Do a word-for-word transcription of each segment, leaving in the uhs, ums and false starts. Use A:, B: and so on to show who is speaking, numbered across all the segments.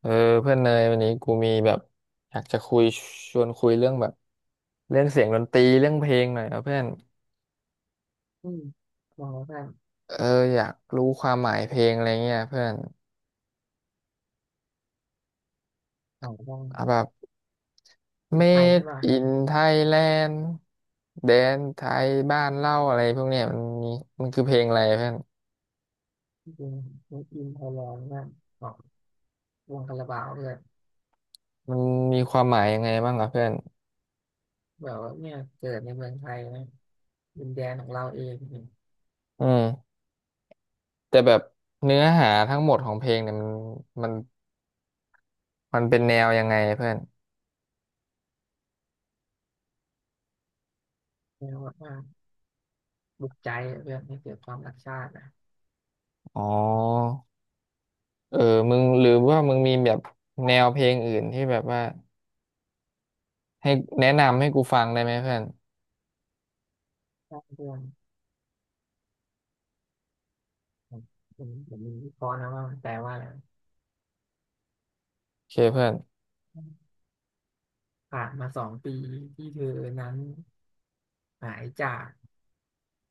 A: เออเพื่อนเนยวันนี้กูมีแบบอยากจะคุยชวนคุยเรื่องแบบเรื่องเสียงดนตรีเรื่องเพลงหน่อยนะเพื่อน
B: อืมมองว่า
A: เอออยากรู้ความหมายเพลงอะไรเงี้ยเพื่อน
B: เขาต้อง
A: เอาแบบ
B: เป็นไทยใช่
A: Made
B: ไหม
A: in Thailand แดนไทยบ้านเล่าอะไรพวกเนี้ยมันมีมันคือเพลงอะไรเพื่อน
B: จริงๆมีอินไทยแลนด์ว่าของวงคาราบาวเลย
A: มันมีความหมายยังไงบ้างอ่ะเพื่อน
B: แบบว่าเนี่ยเกิดในเมืองไทยนะดินแดนของเราเองเนี่ย
A: อืมแต่แบบเนื้อหาทั้งหมดของเพลงเนี่ยมันมันมันเป็นแนวยังไงเพื่อน
B: เรียกว่าบุกใจเรื่องให้เกิดความรักชาตินะ
A: อ๋อ เออมึงหรือว่ามึงมีแบบแนวเพลงอื่นที่แบบว่าให้แนะนำให้กูฟังได้ไหมเพื่อน
B: สร้างเรื่องผมผมผมมีวิเคราะห์นะว่ามันแปลว่าอะไร
A: โอเคเพื่อน
B: ผ่านมาสองปีที่เธอนั้นหายจาก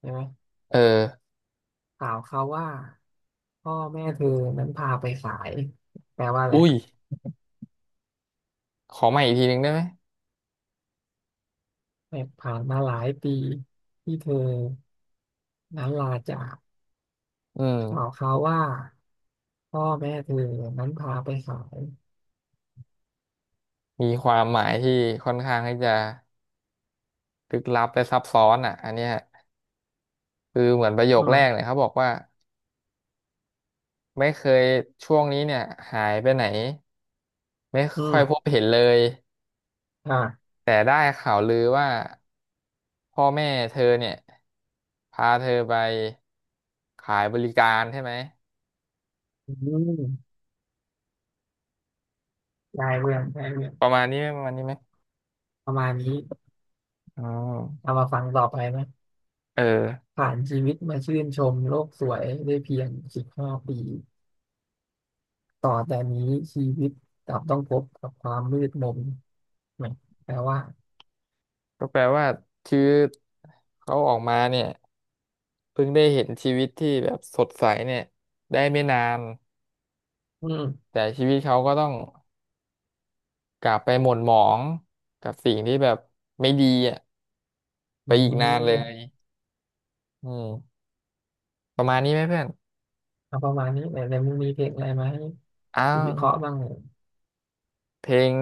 B: ใช่ไหม
A: เออ
B: ข่าวเขาว่าพ่อแม่เธอนั้นพาไปขายแปลว่าอะไร
A: อุ้ยขอใหม่อีกทีหนึ่งได้ไหม
B: แต่ผ่านมาหลายปีที่เธอนั้นลาจาก
A: อื
B: ข่าว
A: ม
B: เขาวว่าพ่อแม่เธอนั้นพาไปขาย
A: มีความหมายที่ค่อนข้างที่จะลึกลับและซับซ้อนอ่ะอันเนี้ยคือเหมือนประโย
B: อื
A: คแรกเนี่ย
B: ม
A: เขาบอกว่าไม่เคยช่วงนี้เนี่ยหายไปไหนไม่
B: อื
A: ค่อยพบ
B: ม
A: เห็นเลย
B: อ่า
A: แต่ได้ข่าวลือว่าพ่อแม่เธอเนี่ยพาเธอไปขายบริการใช่ไหม
B: อืมได้เรื่องได้เรื่อง
A: ประมาณนี้ไหมประมาณนี้ไหม
B: ประมาณนี้
A: อ๋อ
B: เอามาฟังต่อไปไหม
A: เออ
B: ผ่านชีวิตมาชื่นชมโลกสวยได้เพียงสิบห้าปีต่อแต่นี้ชีวิตกลับต้องพบกับความมืดมนไหมแปลว่า
A: ก็แปลว่าชีวิตเขาออกมาเนี่ยเพิ่งได้เห็นชีวิตที่แบบสดใสเนี่ยได้ไม่นาน
B: อืม
A: แต่ชีวิตเขาก็ต้องกลับไปหม่นหมองกับสิ่งที่แบบไม่ดีอ่ะไป
B: อื
A: อีกนานเลย
B: ม
A: อืมประมาณนี้ไหมเพื่อน
B: เอาประมาณนี้แต่ในมึงมีเพลงอะไรไหมาให้
A: อ้า
B: กูวิเค
A: ว
B: ราะห์บ้างเหร
A: เพลง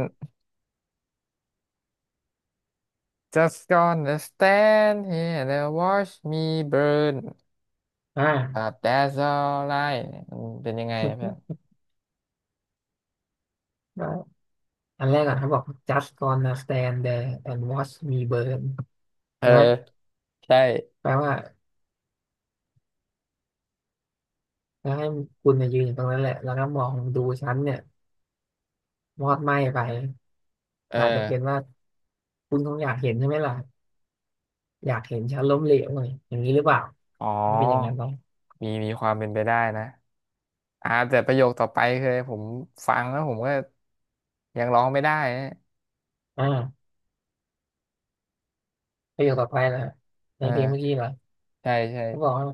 A: Just gonna stand here and watch me burn
B: ออ่า
A: but that's all right มันเป็นยังไงอะเพื่อน
B: ได้อันแรกอ่ะเขาบอก just gonna stand there and watch me burn
A: เออ
B: ใช่ไหม
A: ใช่
B: แปลว่าแล้วให้คุณมายืนอยู่ตรงนั้นแหละ แล้วก็มองดูฉันเนี่ยมอดไหม้ไป
A: เออ
B: อาจจะเป็นว่าคุณคงอยากเห็นใช่ไหมล่ะอยากเห็นฉันล้มเหลวหน่อยอย่างนี้หรือเปล่า
A: อ๋อ
B: มันจะเป็นอย่างนั้นไหม
A: มีมีความเป็นไปได้นะ อ่าแต่ประโยคต่อไปคือผมฟังแล้วผมก็ยังร้องไม่ได้นะ
B: อ่าประโยคต่อไปนะใน
A: เออ
B: เพลงเมื่อกี้เหรอ
A: ใช่ใช่
B: เขาบอกว่า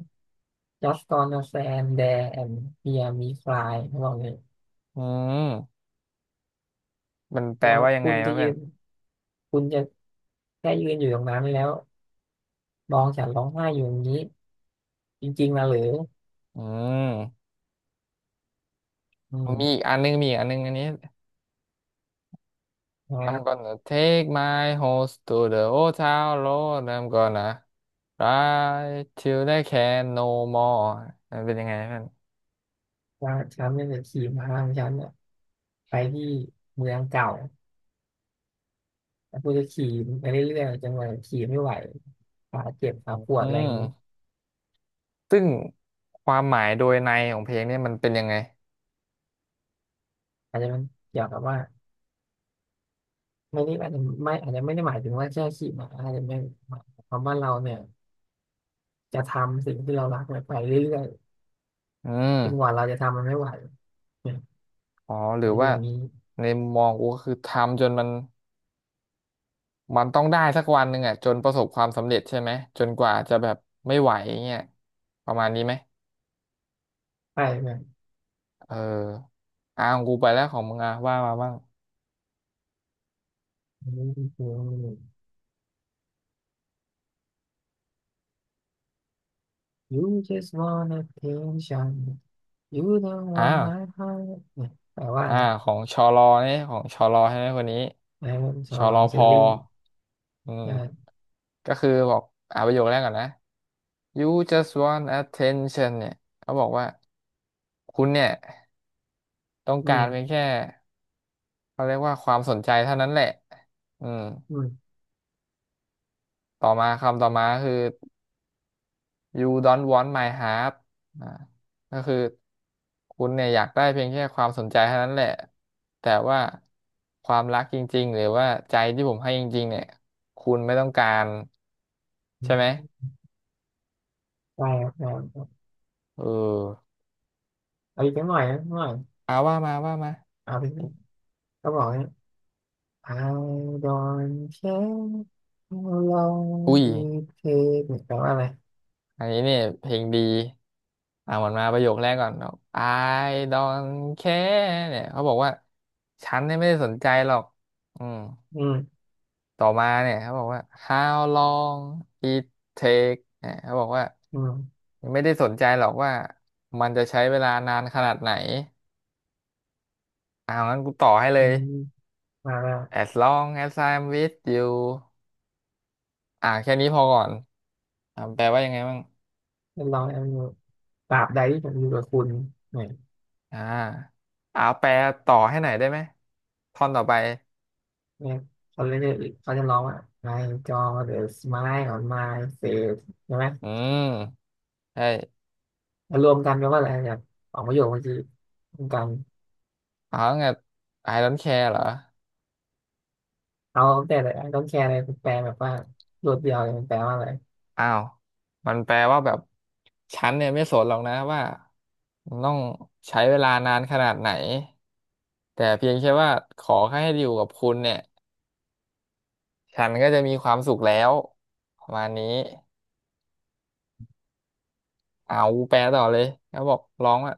B: just gonna stand there and hear me cry เขาบอกเลย
A: อืม มัน
B: เพ
A: แปล
B: ราะว่า
A: ว่ายัง
B: คุ
A: ไง
B: ณจะ
A: วะเพื่
B: ยื
A: อน
B: นคุณจะแค่ยืนอยู่ตรงนั้นแล้วมองฉันร้องไห้อยู่อย่างนี้ จริงๆนะหรือ
A: อืม
B: อื
A: มีอีก
B: ม
A: อันนึงมีอีกอันนึงอันนี้
B: นะครั
A: I'm
B: บ
A: gonna take my horse to the old town road I'm gonna ride till I can no more มันเป็นยังไงเพื่อน
B: ว่าฉันเนี่ยจะขี่พาของฉันเนี่ยไปที่เมืองเก่าแล้วกูจะขี่ไปเรื่อยๆจนกว่าขี่ไม่ไหวขาเจ็บขา
A: อื
B: ปวดอะไรอย่างนี้
A: มซึ่งความหมายโดยในของเพลงเนี่ยมันเป็นยังไง
B: อาจจะเป็นเกี่ยวกับว่าไม่ได้อาจจะไม่อาจจะไม่ได้หมายถึงว่าแค่ขี่ม้าอาจจะไม่หมายความว่าเราเนี่ยจะทำสิ่งที่เรารักเนี่ยไปเรื่อย
A: อื
B: ๆ
A: ม
B: จนกว่าเราจะทำมันไม่ไหวเนี่ย
A: อ๋อหรื
B: อาจ
A: อ
B: จะเป็น
A: ว่า
B: อย่างนี้
A: ในมุมมองกูก็คือทำจนมันมันต้องได้สักวันหนึ่งอ่ะจนประสบความสำเร็จใช่ไหมจนกว่าจะแบบไม่ไหวเงี้ยประมาณนี้ไหม
B: ไปแบบ
A: เอออ่าของกูไปแล้วของมึงอ่ะว่ามาบ้าง
B: นี้ คือ You just want attention You don't
A: อ้า
B: want
A: ว
B: my heart เนี่ยแปลว่าอะ
A: อ่า
B: ไร
A: ของชอรอเนี่ยของชอรอใช่ไหมคนนี้
B: นะเป็นชอ
A: ช
B: ว
A: อ
B: ล
A: ร
B: อ
A: อ
B: ง
A: พ
B: ซี
A: อ
B: รีส์
A: อื
B: ใช่
A: มก็คือบอกอ่าประโยคแรกก่อนนะ You just want attention เนี่ยเขาบอกว่าคุณเนี่ยต้อง
B: อื
A: การเพียง
B: ม
A: แค่ เขาเรียกว่าความสนใจเท่านั้นแหละอืม
B: อืม
A: ต่อมาคำต่อมาคือ you don't want my heart อ่าก็คือคุณเนี่ยอยากได้เพียงแค่ความสนใจเท่านั้นแหละ แต่ว่าความรักจริงๆหรือว่าใจที่ผมให้จริงๆเนี่ยคุณไม่ต้องการ
B: อื
A: ใช่ไหม
B: มแปลกแปลก
A: เออ
B: เอาอีกหน่อยนะหน่อย
A: เอาว่ามาว่ามา
B: เอาไปก็บอกเนี่ย I don't care how long
A: อุ้ย
B: it takes เนี่ยแปลว่าอะไร
A: อันนี้เนี่ยเพลงดีอ่าหมดมาประโยคแรกก่อนบอก I don't care เนี่ยเขาบอกว่าฉันเนี่ยไม่ได้สนใจหรอกอืม
B: อืม
A: ต่อมาเนี่ยเขาบอกว่า How long it take เนี่ยเขาบอกว่า
B: อืม
A: ไม่ได้สนใจหรอกว่ามันจะใช้เวลานานขนาดไหนเอางั้นกูต่อให้เล
B: อื
A: ย
B: มมาแล้ว
A: As long as I'm with you อ่าแค่นี้พอก่อนอ่าแปลว่ายังไงบ้าง
B: จะลองแอมอยู่ตราบใดที่ผมอยู่กับคุณเนี่ย
A: อ่าเอาแปลต่อให้หน่อยได้ไหมท่อนต่อไป
B: เนี่ยเขาเรียกเขาจะร้องว่าไอจอ the smile on my face ใช่ไหม
A: อืมใช่
B: แล้วรวมกันแปลว่าอะไรแบบสองประโยคเมื่อกี้รวมกัน
A: อ๋อไง I don't care เหรอ
B: เอาแต่ละไอ้ต้องแคร์อะไรแปลแบบว่ารวดเดียวเลยมันแปลว่าอะไร
A: อ้าว มันแปลว่าแบบฉันเนี่ยไม่สนหรอกนะว่ามันต้องใช้เวลานานขนาดไหนแต่เพียงแค่ว่าขอแค่ให้อยู่กับคุณเนี่ยฉันก็จะมีความสุขแล้วประมาณนี้เอาแปลต่อเลยแล้วบอกร้องว่า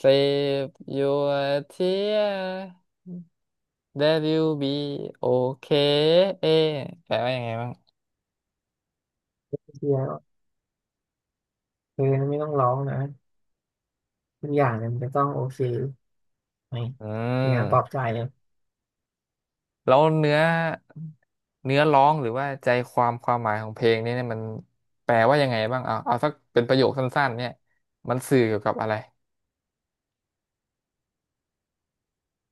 A: Save your tear that you'll be okay แปลว่ายังไงบ้าง
B: เชี่อเธอไม่ต้องร้องนะทุกอย่างเนี่ยมันจะต้องโอเคไหม
A: อื
B: เป็นงานปลอบ
A: ม
B: ใจเลย
A: แล้วเนื้อเนื้อร้องหรือว่าใจความความหมายของเพลงนี้เนี่ยมันแปลว่ายังไงบ้างเอาเอาสักเป็นประโยคสั้นๆเนี่ยมันสื่อเกี่ยวกับอะไร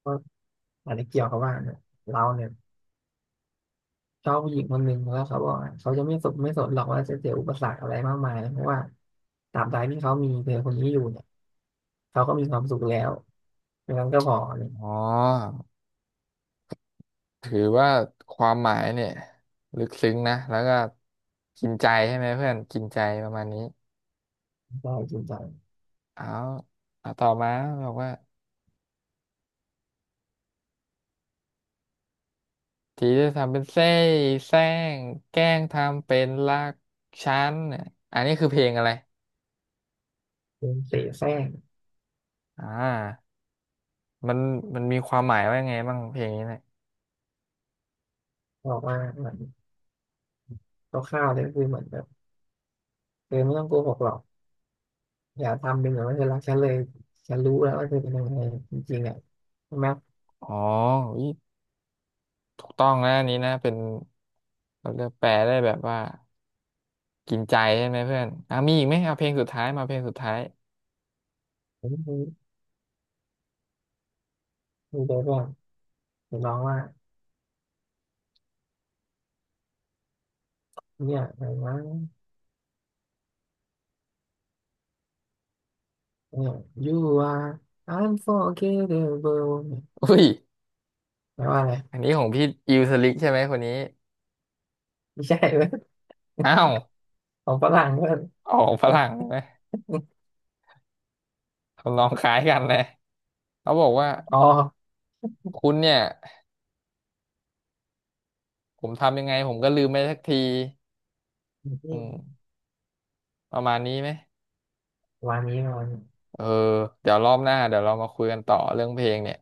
B: ก็อาจจะเกี่ยวกับว่าเนี่ยเราเนี่ยชอบผู้หญิงคนหนึ่งแล้วเขาบอกว่าเขาจะไม่สนไม่สนหรอกว่าจะเจออุปสรรคอะไรมากมายเพราะว่าตราบใดที่เขามีเธอคนนี้อยู่เนี่ยเขาก็มีความสุขแล้ว อย่างนั้นก็พอเนี่ย
A: อ๋อ ถือว่าความหมายเนี่ยลึกซึ้งนะ แล้วก็กินใจใช่ไหมเพื่อนกินใจประมาณนี้
B: พอจริงจัง
A: เอาเอาต่อมาบอกว่าทีจะทำเป็นเส้แซงแกล้งทำเป็นรักฉันเนี่ยอันนี้คือเพลงอะไร
B: เป็นเสแสร้ง
A: อ่ามันมันมีความหมายว่ายังไงบ้างเพลงนี้เนี่ย
B: บอกว่าเหมือนคร่าวๆเลยก็คือเหมือนแบบเออไม่ต้องโกหกหรอกอย่าทำเป็นเหมือนว่าเธอรักฉันเลยฉันรู้แล้วว่าเธอเป็นยังไงจริงๆอ่ะใช่ไหม
A: อ๋ออุ๊ยถูกต้องนะอันนี้นะเป็นเราเรียกแปลได้แบบว่ากินใจใช่ไหมเพื่อนอ่ะมีอีกไหม เอาเพลงสุดท้ายมาเพลงสุดท้าย
B: ผมคืมคือแบบว่างจะร้องว่าเนี่ยอะไรวะเนี่ย you are unforgettable เนี่ย
A: อุ้ย
B: แปลว่าอะไร
A: อันนี้ของพี่อิวสลิกใช่ไหมคนนี้
B: ไม่ใช่เว้ย
A: อ้าว
B: ของฝรั่งเว้ย
A: ออกฝรั่งเลยนะทำนองคล้ายกันเลยเขาบอกว่า
B: อ๋อ
A: คุณเนี่ยผมทำยังไงผมก็ลืมไปสักที อืม ประมาณนี้ไหม
B: วันนี้วันนี้
A: เออเดี๋ยวรอบหน้าเดี๋ยวเรามาคุยกันต่อเรื่องเพลงเนี่ย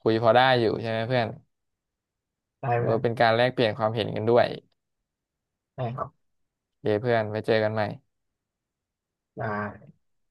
A: คุยพอได้อยู่ใช่ไหมเพื่อน
B: ตาย
A: หรื
B: ไป
A: อ
B: แล้
A: ว่า
B: ว
A: เป็นการแลกเปลี่ยนความเห็นกันด้วย
B: ใช่ครับ
A: โอเคเพื่อนไปเจอกันใหม่
B: ได้